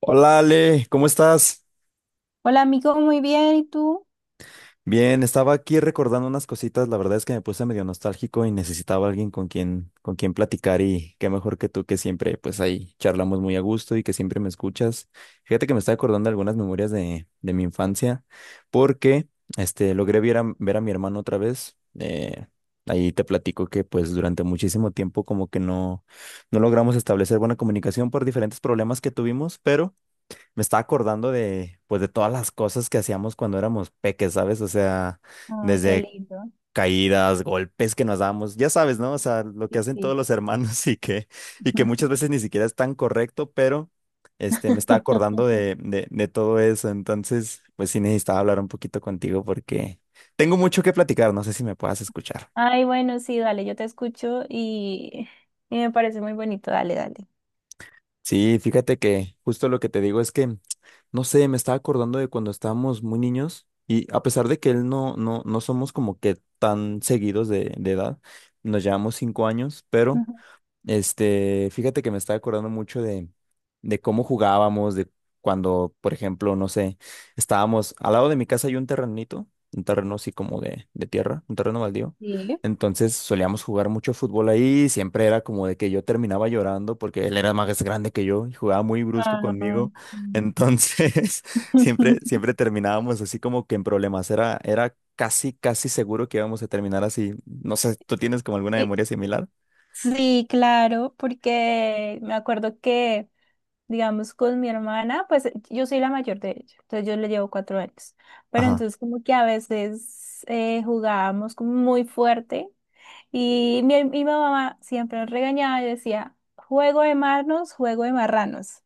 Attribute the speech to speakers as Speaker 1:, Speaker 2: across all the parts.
Speaker 1: Hola Ale, ¿cómo estás?
Speaker 2: Hola, amigo, muy bien, ¿y tú?
Speaker 1: Bien, estaba aquí recordando unas cositas, la verdad es que me puse medio nostálgico y necesitaba alguien con quien platicar y qué mejor que tú que siempre pues ahí charlamos muy a gusto y que siempre me escuchas. Fíjate que me está acordando de, algunas memorias de mi infancia porque logré ver ver a mi hermano otra vez. Ahí te platico que pues durante muchísimo tiempo como que no logramos establecer buena comunicación por diferentes problemas que tuvimos, pero me estaba acordando pues, de todas las cosas que hacíamos cuando éramos peques, ¿sabes? O sea,
Speaker 2: Ay, qué
Speaker 1: desde
Speaker 2: lindo.
Speaker 1: caídas, golpes que nos dábamos, ya sabes, ¿no? O sea, lo que
Speaker 2: Sí,
Speaker 1: hacen todos
Speaker 2: sí.
Speaker 1: los hermanos y que muchas veces ni siquiera es tan correcto, pero, me estaba acordando de todo eso. Entonces, pues sí necesitaba hablar un poquito contigo porque tengo mucho que platicar, no sé si me puedas escuchar.
Speaker 2: Ay, bueno, sí, dale, yo te escucho y me parece muy bonito, dale, dale.
Speaker 1: Sí, fíjate que justo lo que te digo es que, no sé, me estaba acordando de cuando estábamos muy niños y a pesar de que él no somos como que tan seguidos de edad, nos llevamos 5 años, pero
Speaker 2: Ujú.
Speaker 1: fíjate que me estaba acordando mucho de cómo jugábamos, de cuando, por ejemplo, no sé, estábamos al lado de mi casa hay un terrenito, un terreno así como de tierra, un terreno baldío.
Speaker 2: Sí.
Speaker 1: Entonces solíamos jugar mucho fútbol ahí, y siempre era como de que yo terminaba llorando porque él era más grande que yo y jugaba muy brusco
Speaker 2: Ah,
Speaker 1: conmigo.
Speaker 2: mm.
Speaker 1: Entonces, siempre, siempre terminábamos así como que en problemas. Era, era casi, casi seguro que íbamos a terminar así. No sé, ¿tú tienes como alguna
Speaker 2: Y-
Speaker 1: memoria similar?
Speaker 2: Sí, claro, porque me acuerdo que, digamos, con mi hermana, pues yo soy la mayor de ella, entonces yo le llevo 4 años, pero
Speaker 1: Ajá,
Speaker 2: entonces como que a veces jugábamos como muy fuerte. Y mi mamá siempre nos regañaba y decía, juego de marnos, juego de marranos.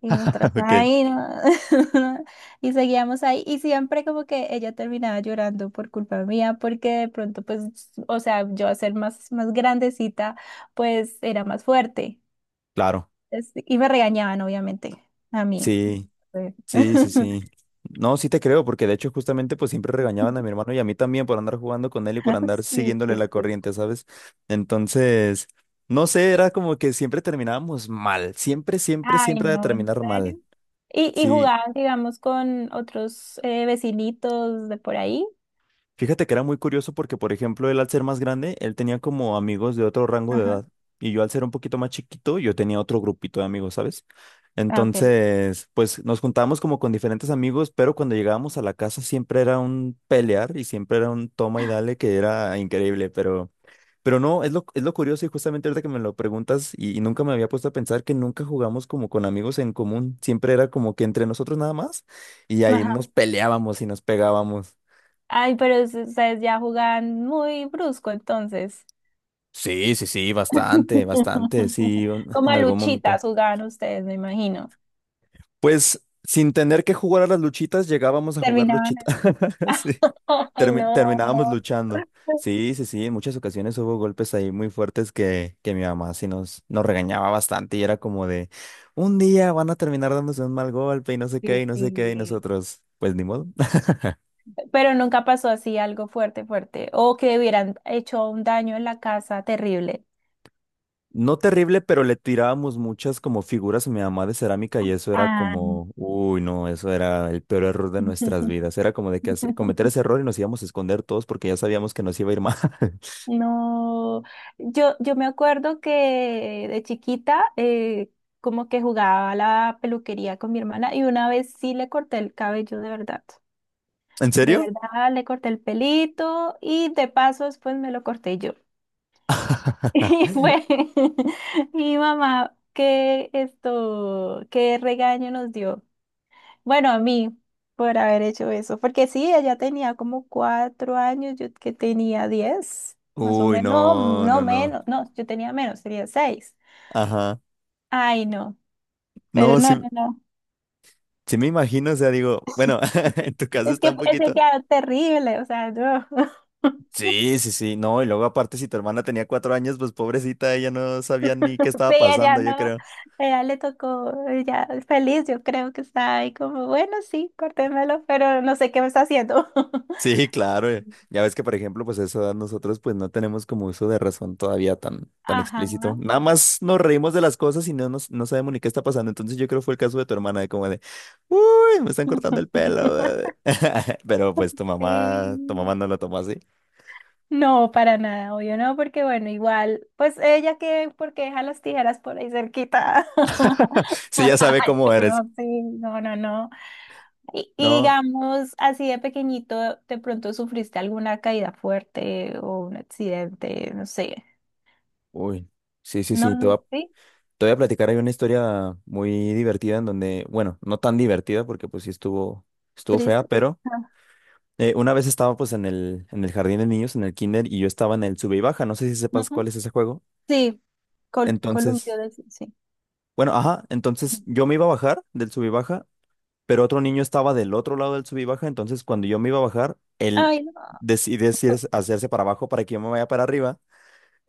Speaker 2: Y nos trataba
Speaker 1: ok.
Speaker 2: ahí, ¿no? Y seguíamos ahí. Y siempre como que ella terminaba llorando por culpa mía, porque de pronto, pues, o sea, yo a ser más grandecita, pues era más fuerte.
Speaker 1: Claro,
Speaker 2: Y me regañaban, obviamente, a mí.
Speaker 1: sí,
Speaker 2: Sí,
Speaker 1: sí, sí, sí. No, sí te creo, porque de hecho justamente pues siempre regañaban a mi hermano y a mí también por andar jugando con él y por andar
Speaker 2: sí,
Speaker 1: siguiéndole la
Speaker 2: sí.
Speaker 1: corriente, ¿sabes? Entonces, no sé,
Speaker 2: Sí.
Speaker 1: era como que siempre terminábamos mal, siempre, siempre,
Speaker 2: Ay,
Speaker 1: siempre de
Speaker 2: no, ¿en
Speaker 1: terminar mal.
Speaker 2: serio? Y
Speaker 1: Sí,
Speaker 2: jugaban, digamos, con otros vecinitos de por ahí.
Speaker 1: fíjate que era muy curioso porque, por ejemplo, él al ser más grande, él tenía como amigos de otro rango de
Speaker 2: Ajá.
Speaker 1: edad. Y yo al ser un poquito más chiquito, yo tenía otro grupito de amigos, ¿sabes?
Speaker 2: Ah, ok.
Speaker 1: Entonces, pues nos juntábamos como con diferentes amigos, pero cuando llegábamos a la casa siempre era un pelear y siempre era un toma y dale que era increíble, pero... Pero no, es lo curioso y justamente ahorita que me lo preguntas y nunca me había puesto a pensar que nunca jugamos como con amigos en común, siempre era como que entre nosotros nada más y ahí
Speaker 2: Ajá.
Speaker 1: nos peleábamos y nos pegábamos.
Speaker 2: Ay, pero ustedes ya jugaban muy brusco entonces.
Speaker 1: Sí, sí, sí, bastante, bastante, sí,
Speaker 2: Como
Speaker 1: en
Speaker 2: a
Speaker 1: algún momento.
Speaker 2: luchitas jugaban ustedes, me imagino.
Speaker 1: Pues sin tener que jugar a las luchitas, llegábamos a jugar
Speaker 2: Terminaban.
Speaker 1: luchitas. Sí,
Speaker 2: Ay, no.
Speaker 1: terminábamos luchando. Sí, sí, sí, en muchas ocasiones hubo golpes ahí muy fuertes que mi mamá sí nos regañaba bastante y era como de, un día van a terminar dándose un mal golpe y no sé
Speaker 2: Sí,
Speaker 1: qué, y no sé qué, y
Speaker 2: sí.
Speaker 1: nosotros, pues ni modo.
Speaker 2: Pero nunca pasó así algo fuerte, fuerte. O que hubieran hecho un daño en la casa terrible.
Speaker 1: No terrible, pero le tirábamos muchas como figuras a mi mamá de cerámica y eso era
Speaker 2: Ah.
Speaker 1: como, uy, no, eso era el peor error de nuestras vidas. Era como de que cometer ese error y nos íbamos a esconder todos porque ya sabíamos que nos iba a ir mal.
Speaker 2: No, yo me acuerdo que de chiquita como que jugaba a la peluquería con mi hermana y una vez sí le corté el cabello de verdad.
Speaker 1: ¿En
Speaker 2: De
Speaker 1: serio?
Speaker 2: verdad le corté el pelito y de paso después me lo corté yo. Y fue mi mamá, qué esto, qué regaño nos dio. Bueno, a mí, por haber hecho eso, porque sí, ella tenía como 4 años, yo que tenía 10, más o
Speaker 1: Uy,
Speaker 2: menos, no,
Speaker 1: no,
Speaker 2: no
Speaker 1: no, no.
Speaker 2: menos, no, yo tenía menos, tenía seis.
Speaker 1: Ajá.
Speaker 2: Ay, no, pero
Speaker 1: No, sí,
Speaker 2: no, no, no,
Speaker 1: sí me imagino, o sea, digo, bueno, en tu caso está un
Speaker 2: es que
Speaker 1: poquito.
Speaker 2: quedaron terrible, o sea, no.
Speaker 1: Sí, sí, sí, no, y luego aparte si tu hermana tenía 4 años, pues pobrecita, ella no sabía ni qué
Speaker 2: Sí,
Speaker 1: estaba
Speaker 2: ella
Speaker 1: pasando, yo
Speaker 2: no,
Speaker 1: creo.
Speaker 2: ella le tocó, ella feliz, yo creo que está ahí como, bueno, sí, córtemelo pero no sé qué me está haciendo.
Speaker 1: Sí, claro. Eh. Ya ves que, por ejemplo, pues a esa edad nosotros pues no tenemos como uso de razón todavía tan, tan explícito.
Speaker 2: Ajá.
Speaker 1: Nada más nos reímos de las cosas y no sabemos ni qué está pasando. Entonces yo creo que fue el caso de tu hermana, de como de, uy, me están cortando el pelo. Bebé". Pero pues tu mamá
Speaker 2: Sí.
Speaker 1: no lo tomó así.
Speaker 2: No, para nada, obvio no, porque bueno, igual, pues ella que, porque deja las tijeras por ahí cerquita.
Speaker 1: Sí, ya sabe
Speaker 2: Ay,
Speaker 1: cómo eres.
Speaker 2: no, sí, no, no, no. Y
Speaker 1: No,
Speaker 2: digamos, así de pequeñito, ¿de pronto sufriste alguna caída fuerte o un accidente? No sé.
Speaker 1: uy, sí, sí,
Speaker 2: No,
Speaker 1: sí,
Speaker 2: no, sí,
Speaker 1: te voy a platicar. Hay una historia muy divertida en donde, bueno, no tan divertida porque pues sí estuvo, estuvo fea,
Speaker 2: triste.
Speaker 1: pero...
Speaker 2: Ah,
Speaker 1: Una vez estaba pues en en el jardín de niños, en el kinder, y yo estaba en el sube y baja, no sé si sepas cuál
Speaker 2: ujú.
Speaker 1: es ese juego.
Speaker 2: Sí, columpio
Speaker 1: Entonces,
Speaker 2: de sí. Sí.
Speaker 1: bueno, ajá, entonces yo me iba a bajar del sube y baja, pero otro niño estaba del otro lado del sube y baja, entonces cuando yo me iba a bajar, él
Speaker 2: Ay, no.
Speaker 1: decide
Speaker 2: Pues,
Speaker 1: hacerse para abajo para que yo me vaya para arriba,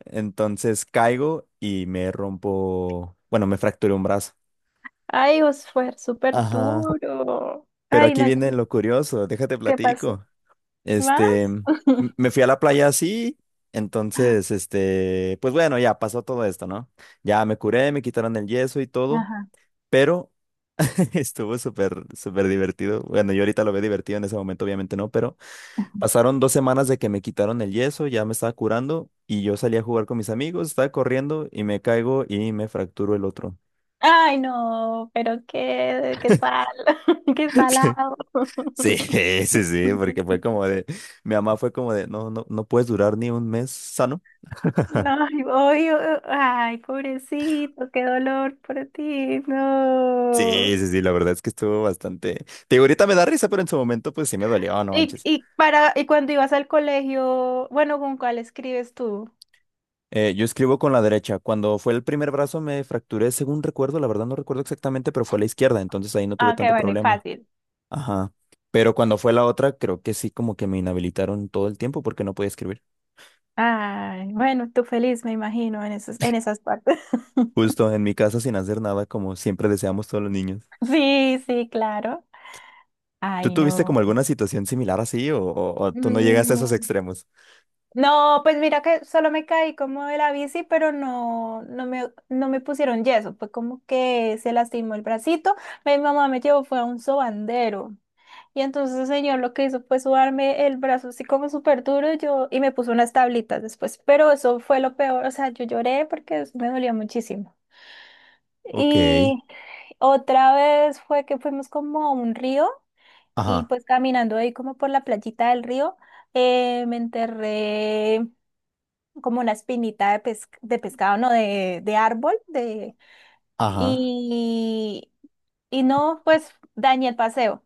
Speaker 1: entonces caigo y me rompo, bueno, me fracturé un brazo.
Speaker 2: ay, os fue súper
Speaker 1: Ajá,
Speaker 2: duro.
Speaker 1: pero
Speaker 2: Ay,
Speaker 1: aquí
Speaker 2: no,
Speaker 1: viene lo curioso, déjate
Speaker 2: ¿qué pasó?
Speaker 1: platico. Este,
Speaker 2: ¿Más?
Speaker 1: me fui a la playa así, entonces, este, pues bueno, ya pasó todo esto, ¿no? Ya me curé, me quitaron el yeso y todo,
Speaker 2: Ajá.
Speaker 1: pero estuvo súper, súper divertido. Bueno, yo ahorita lo veo divertido en ese momento, obviamente no, pero pasaron 2 semanas de que me quitaron el yeso, ya me estaba curando y yo salí a jugar con mis amigos, estaba corriendo y me caigo y me fracturo el otro.
Speaker 2: Ay, no, pero qué, qué sal, qué salado.
Speaker 1: Sí, sí, sí, sí, porque fue como de, mi mamá fue como de, no, no puedes durar ni un mes sano.
Speaker 2: No, ay, odio, ay, pobrecito, qué dolor por ti,
Speaker 1: Sí,
Speaker 2: no.
Speaker 1: sí, sí, la verdad es que estuvo bastante... Te digo, ahorita me da risa, pero en su momento pues sí me dolió, no
Speaker 2: Y,
Speaker 1: manches.
Speaker 2: y para, y cuando ibas al colegio, bueno, ¿con cuál escribes tú?
Speaker 1: Yo escribo con la derecha. Cuando fue el primer brazo me fracturé, según recuerdo, la verdad no recuerdo exactamente, pero fue la izquierda, entonces ahí no tuve
Speaker 2: Ah, qué
Speaker 1: tanto
Speaker 2: bueno y
Speaker 1: problema.
Speaker 2: fácil.
Speaker 1: Ajá. Pero cuando fue la otra, creo que sí, como que me inhabilitaron todo el tiempo porque no podía escribir.
Speaker 2: Ay, bueno, tú feliz, me imagino, en esas partes.
Speaker 1: Justo en mi casa sin hacer nada, como siempre deseamos todos los niños.
Speaker 2: Sí, sí, claro.
Speaker 1: ¿Tú
Speaker 2: Ay,
Speaker 1: tuviste como
Speaker 2: no.
Speaker 1: alguna situación similar así o, o tú no llegaste a esos
Speaker 2: Mm.
Speaker 1: extremos?
Speaker 2: No, pues mira que solo me caí como de la bici, pero no, no me pusieron yeso. Fue como que se lastimó el bracito. Mi mamá me llevó, fue a un sobandero. Y entonces el señor lo que hizo fue sudarme el brazo así como súper duro yo, y me puso unas tablitas después. Pero eso fue lo peor. O sea, yo lloré porque eso me dolía muchísimo.
Speaker 1: Ok.
Speaker 2: Y otra vez fue que fuimos como a un río y
Speaker 1: Ajá.
Speaker 2: pues caminando ahí como por la playita del río, me enterré como una espinita de, de pescado, no, de árbol,
Speaker 1: Ajá.
Speaker 2: y, y no, pues dañé el paseo,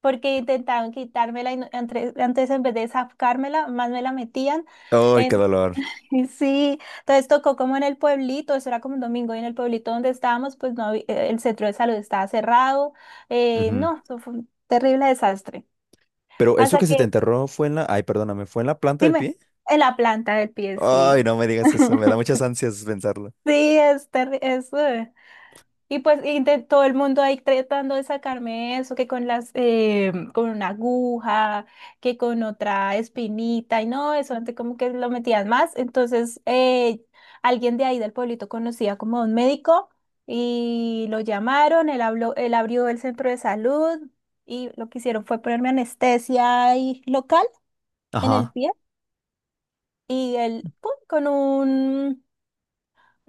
Speaker 2: porque intentaban quitármela y antes en vez de sacármela, más me la metían.
Speaker 1: ¡Ay, qué
Speaker 2: En-
Speaker 1: dolor!
Speaker 2: y sí, entonces tocó como en el pueblito, eso era como un domingo, y en el pueblito donde estábamos, pues no, el centro de salud estaba cerrado, no, eso fue un terrible desastre.
Speaker 1: Pero eso
Speaker 2: Hasta
Speaker 1: que se te
Speaker 2: que,
Speaker 1: enterró fue en la... Ay, perdóname, ¿fue en la planta del
Speaker 2: dime,
Speaker 1: pie?
Speaker 2: en la planta del pie,
Speaker 1: Ay,
Speaker 2: sí.
Speaker 1: no me digas eso, me da muchas ansias pensarlo.
Speaker 2: Sí, es terrible. Y pues y de todo el mundo ahí tratando de sacarme eso, que con las, con una aguja, que con otra espinita, y no, eso antes como que lo metían más. Entonces, alguien de ahí del pueblito conocía como a un médico y lo llamaron, él habló, él abrió el centro de salud y lo que hicieron fue ponerme anestesia ahí local en el
Speaker 1: Ajá.
Speaker 2: pie y él, pum, con un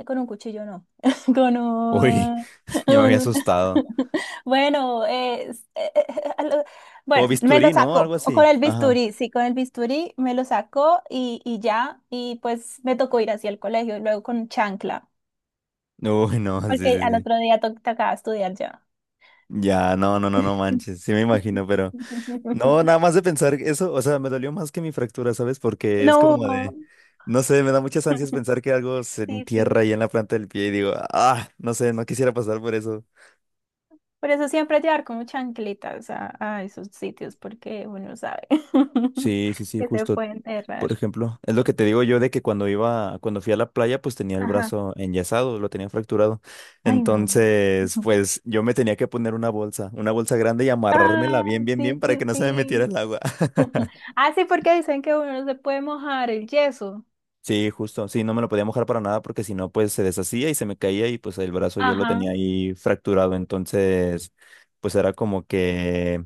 Speaker 2: con un cuchillo no. Con
Speaker 1: Uy,
Speaker 2: un...
Speaker 1: ya me había
Speaker 2: un-
Speaker 1: asustado.
Speaker 2: Bueno,
Speaker 1: Como
Speaker 2: bueno, me lo
Speaker 1: bisturí, ¿no?
Speaker 2: sacó.
Speaker 1: Algo
Speaker 2: O con
Speaker 1: así.
Speaker 2: el
Speaker 1: Ajá.
Speaker 2: bisturí, sí, con el bisturí me lo sacó y ya. Y pues me tocó ir hacia el colegio, y luego con chancla,
Speaker 1: Uy, no, sí,
Speaker 2: porque
Speaker 1: sí,
Speaker 2: al
Speaker 1: sí.
Speaker 2: otro día tocaba estudiar ya.
Speaker 1: Ya, no, no, no, no manches, sí me imagino, pero... No, nada más de pensar eso, o sea, me dolió más que mi fractura, ¿sabes? Porque es como de...
Speaker 2: No.
Speaker 1: No sé, me da muchas ansias pensar que algo se
Speaker 2: Sí,
Speaker 1: entierra
Speaker 2: sí.
Speaker 1: ahí en la planta del pie y digo, ah, no sé, no quisiera pasar por eso.
Speaker 2: Por eso siempre llevar como chanclitas a esos sitios, porque uno sabe
Speaker 1: Sí, sí, sí,
Speaker 2: que se
Speaker 1: justo.
Speaker 2: puede
Speaker 1: Por
Speaker 2: enterrar.
Speaker 1: ejemplo. Es lo que te digo yo de que cuando iba, cuando fui a la playa, pues tenía el
Speaker 2: Ajá.
Speaker 1: brazo enyesado, lo tenía fracturado.
Speaker 2: Ay, no.
Speaker 1: Entonces,
Speaker 2: Ujú.
Speaker 1: pues yo me tenía que poner una bolsa grande y amarrármela
Speaker 2: Ah,
Speaker 1: bien, bien, bien
Speaker 2: sí,
Speaker 1: para que
Speaker 2: sí,
Speaker 1: no se me metiera
Speaker 2: sí.
Speaker 1: el agua.
Speaker 2: Ah, sí, porque dicen que uno no se puede mojar el yeso.
Speaker 1: Sí, justo, sí, no me lo podía mojar para nada porque si no, pues se deshacía y se me caía y pues el brazo yo lo
Speaker 2: Ajá.
Speaker 1: tenía ahí fracturado. Entonces, pues era como que...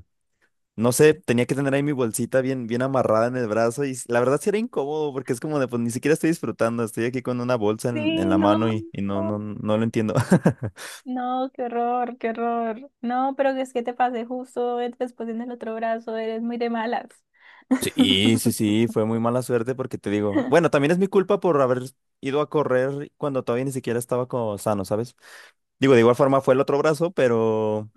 Speaker 1: No sé, tenía que tener ahí mi bolsita bien, bien amarrada en el brazo la verdad sí era incómodo porque es como de, pues ni siquiera estoy disfrutando, estoy aquí con una bolsa en
Speaker 2: Sí,
Speaker 1: la
Speaker 2: no.
Speaker 1: mano y no, no, no lo entiendo.
Speaker 2: No, qué horror, qué horror. No, pero es que te pasé justo después en el otro brazo, eres muy de malas.
Speaker 1: Sí, sí, sí, fue muy mala suerte porque te digo, bueno, también es mi culpa por haber ido a correr cuando todavía ni siquiera estaba como sano, ¿sabes? Digo, de igual forma fue el otro brazo,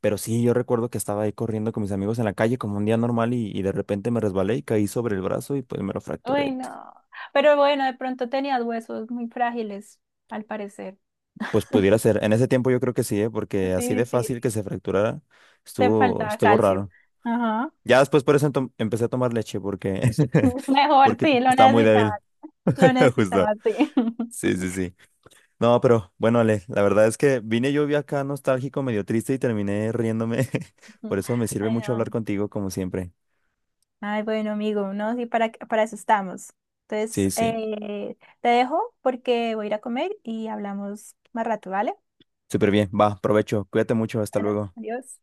Speaker 1: pero sí, yo recuerdo que estaba ahí corriendo con mis amigos en la calle como un día normal y de repente me resbalé y caí sobre el brazo y pues me lo
Speaker 2: Uy,
Speaker 1: fracturé.
Speaker 2: no. Pero bueno, de pronto tenías huesos muy frágiles, al parecer.
Speaker 1: Pues pudiera ser. En ese tiempo yo creo que sí, ¿eh? Porque así de
Speaker 2: Sí,
Speaker 1: fácil que
Speaker 2: sí.
Speaker 1: se fracturara,
Speaker 2: Te
Speaker 1: estuvo,
Speaker 2: faltaba
Speaker 1: estuvo
Speaker 2: calcio.
Speaker 1: raro.
Speaker 2: Ajá.
Speaker 1: Ya después por eso empecé a tomar leche porque,
Speaker 2: Mejor,
Speaker 1: porque
Speaker 2: sí, lo
Speaker 1: estaba muy débil.
Speaker 2: necesitaba. Lo
Speaker 1: Justo.
Speaker 2: necesitaba, sí.
Speaker 1: Sí, sí, sí. No, pero bueno, Ale, la verdad es que vine yo vi acá nostálgico, medio triste y terminé riéndome. Por eso me sirve
Speaker 2: Ay,
Speaker 1: mucho hablar
Speaker 2: no.
Speaker 1: contigo, como siempre.
Speaker 2: Ay, bueno, amigo, no, sí, para eso estamos. Entonces,
Speaker 1: Sí, sí.
Speaker 2: te dejo porque voy a ir a comer y hablamos más rato, ¿vale?
Speaker 1: Súper bien. Va, provecho. Cuídate mucho. Hasta
Speaker 2: Bueno,
Speaker 1: luego.
Speaker 2: adiós.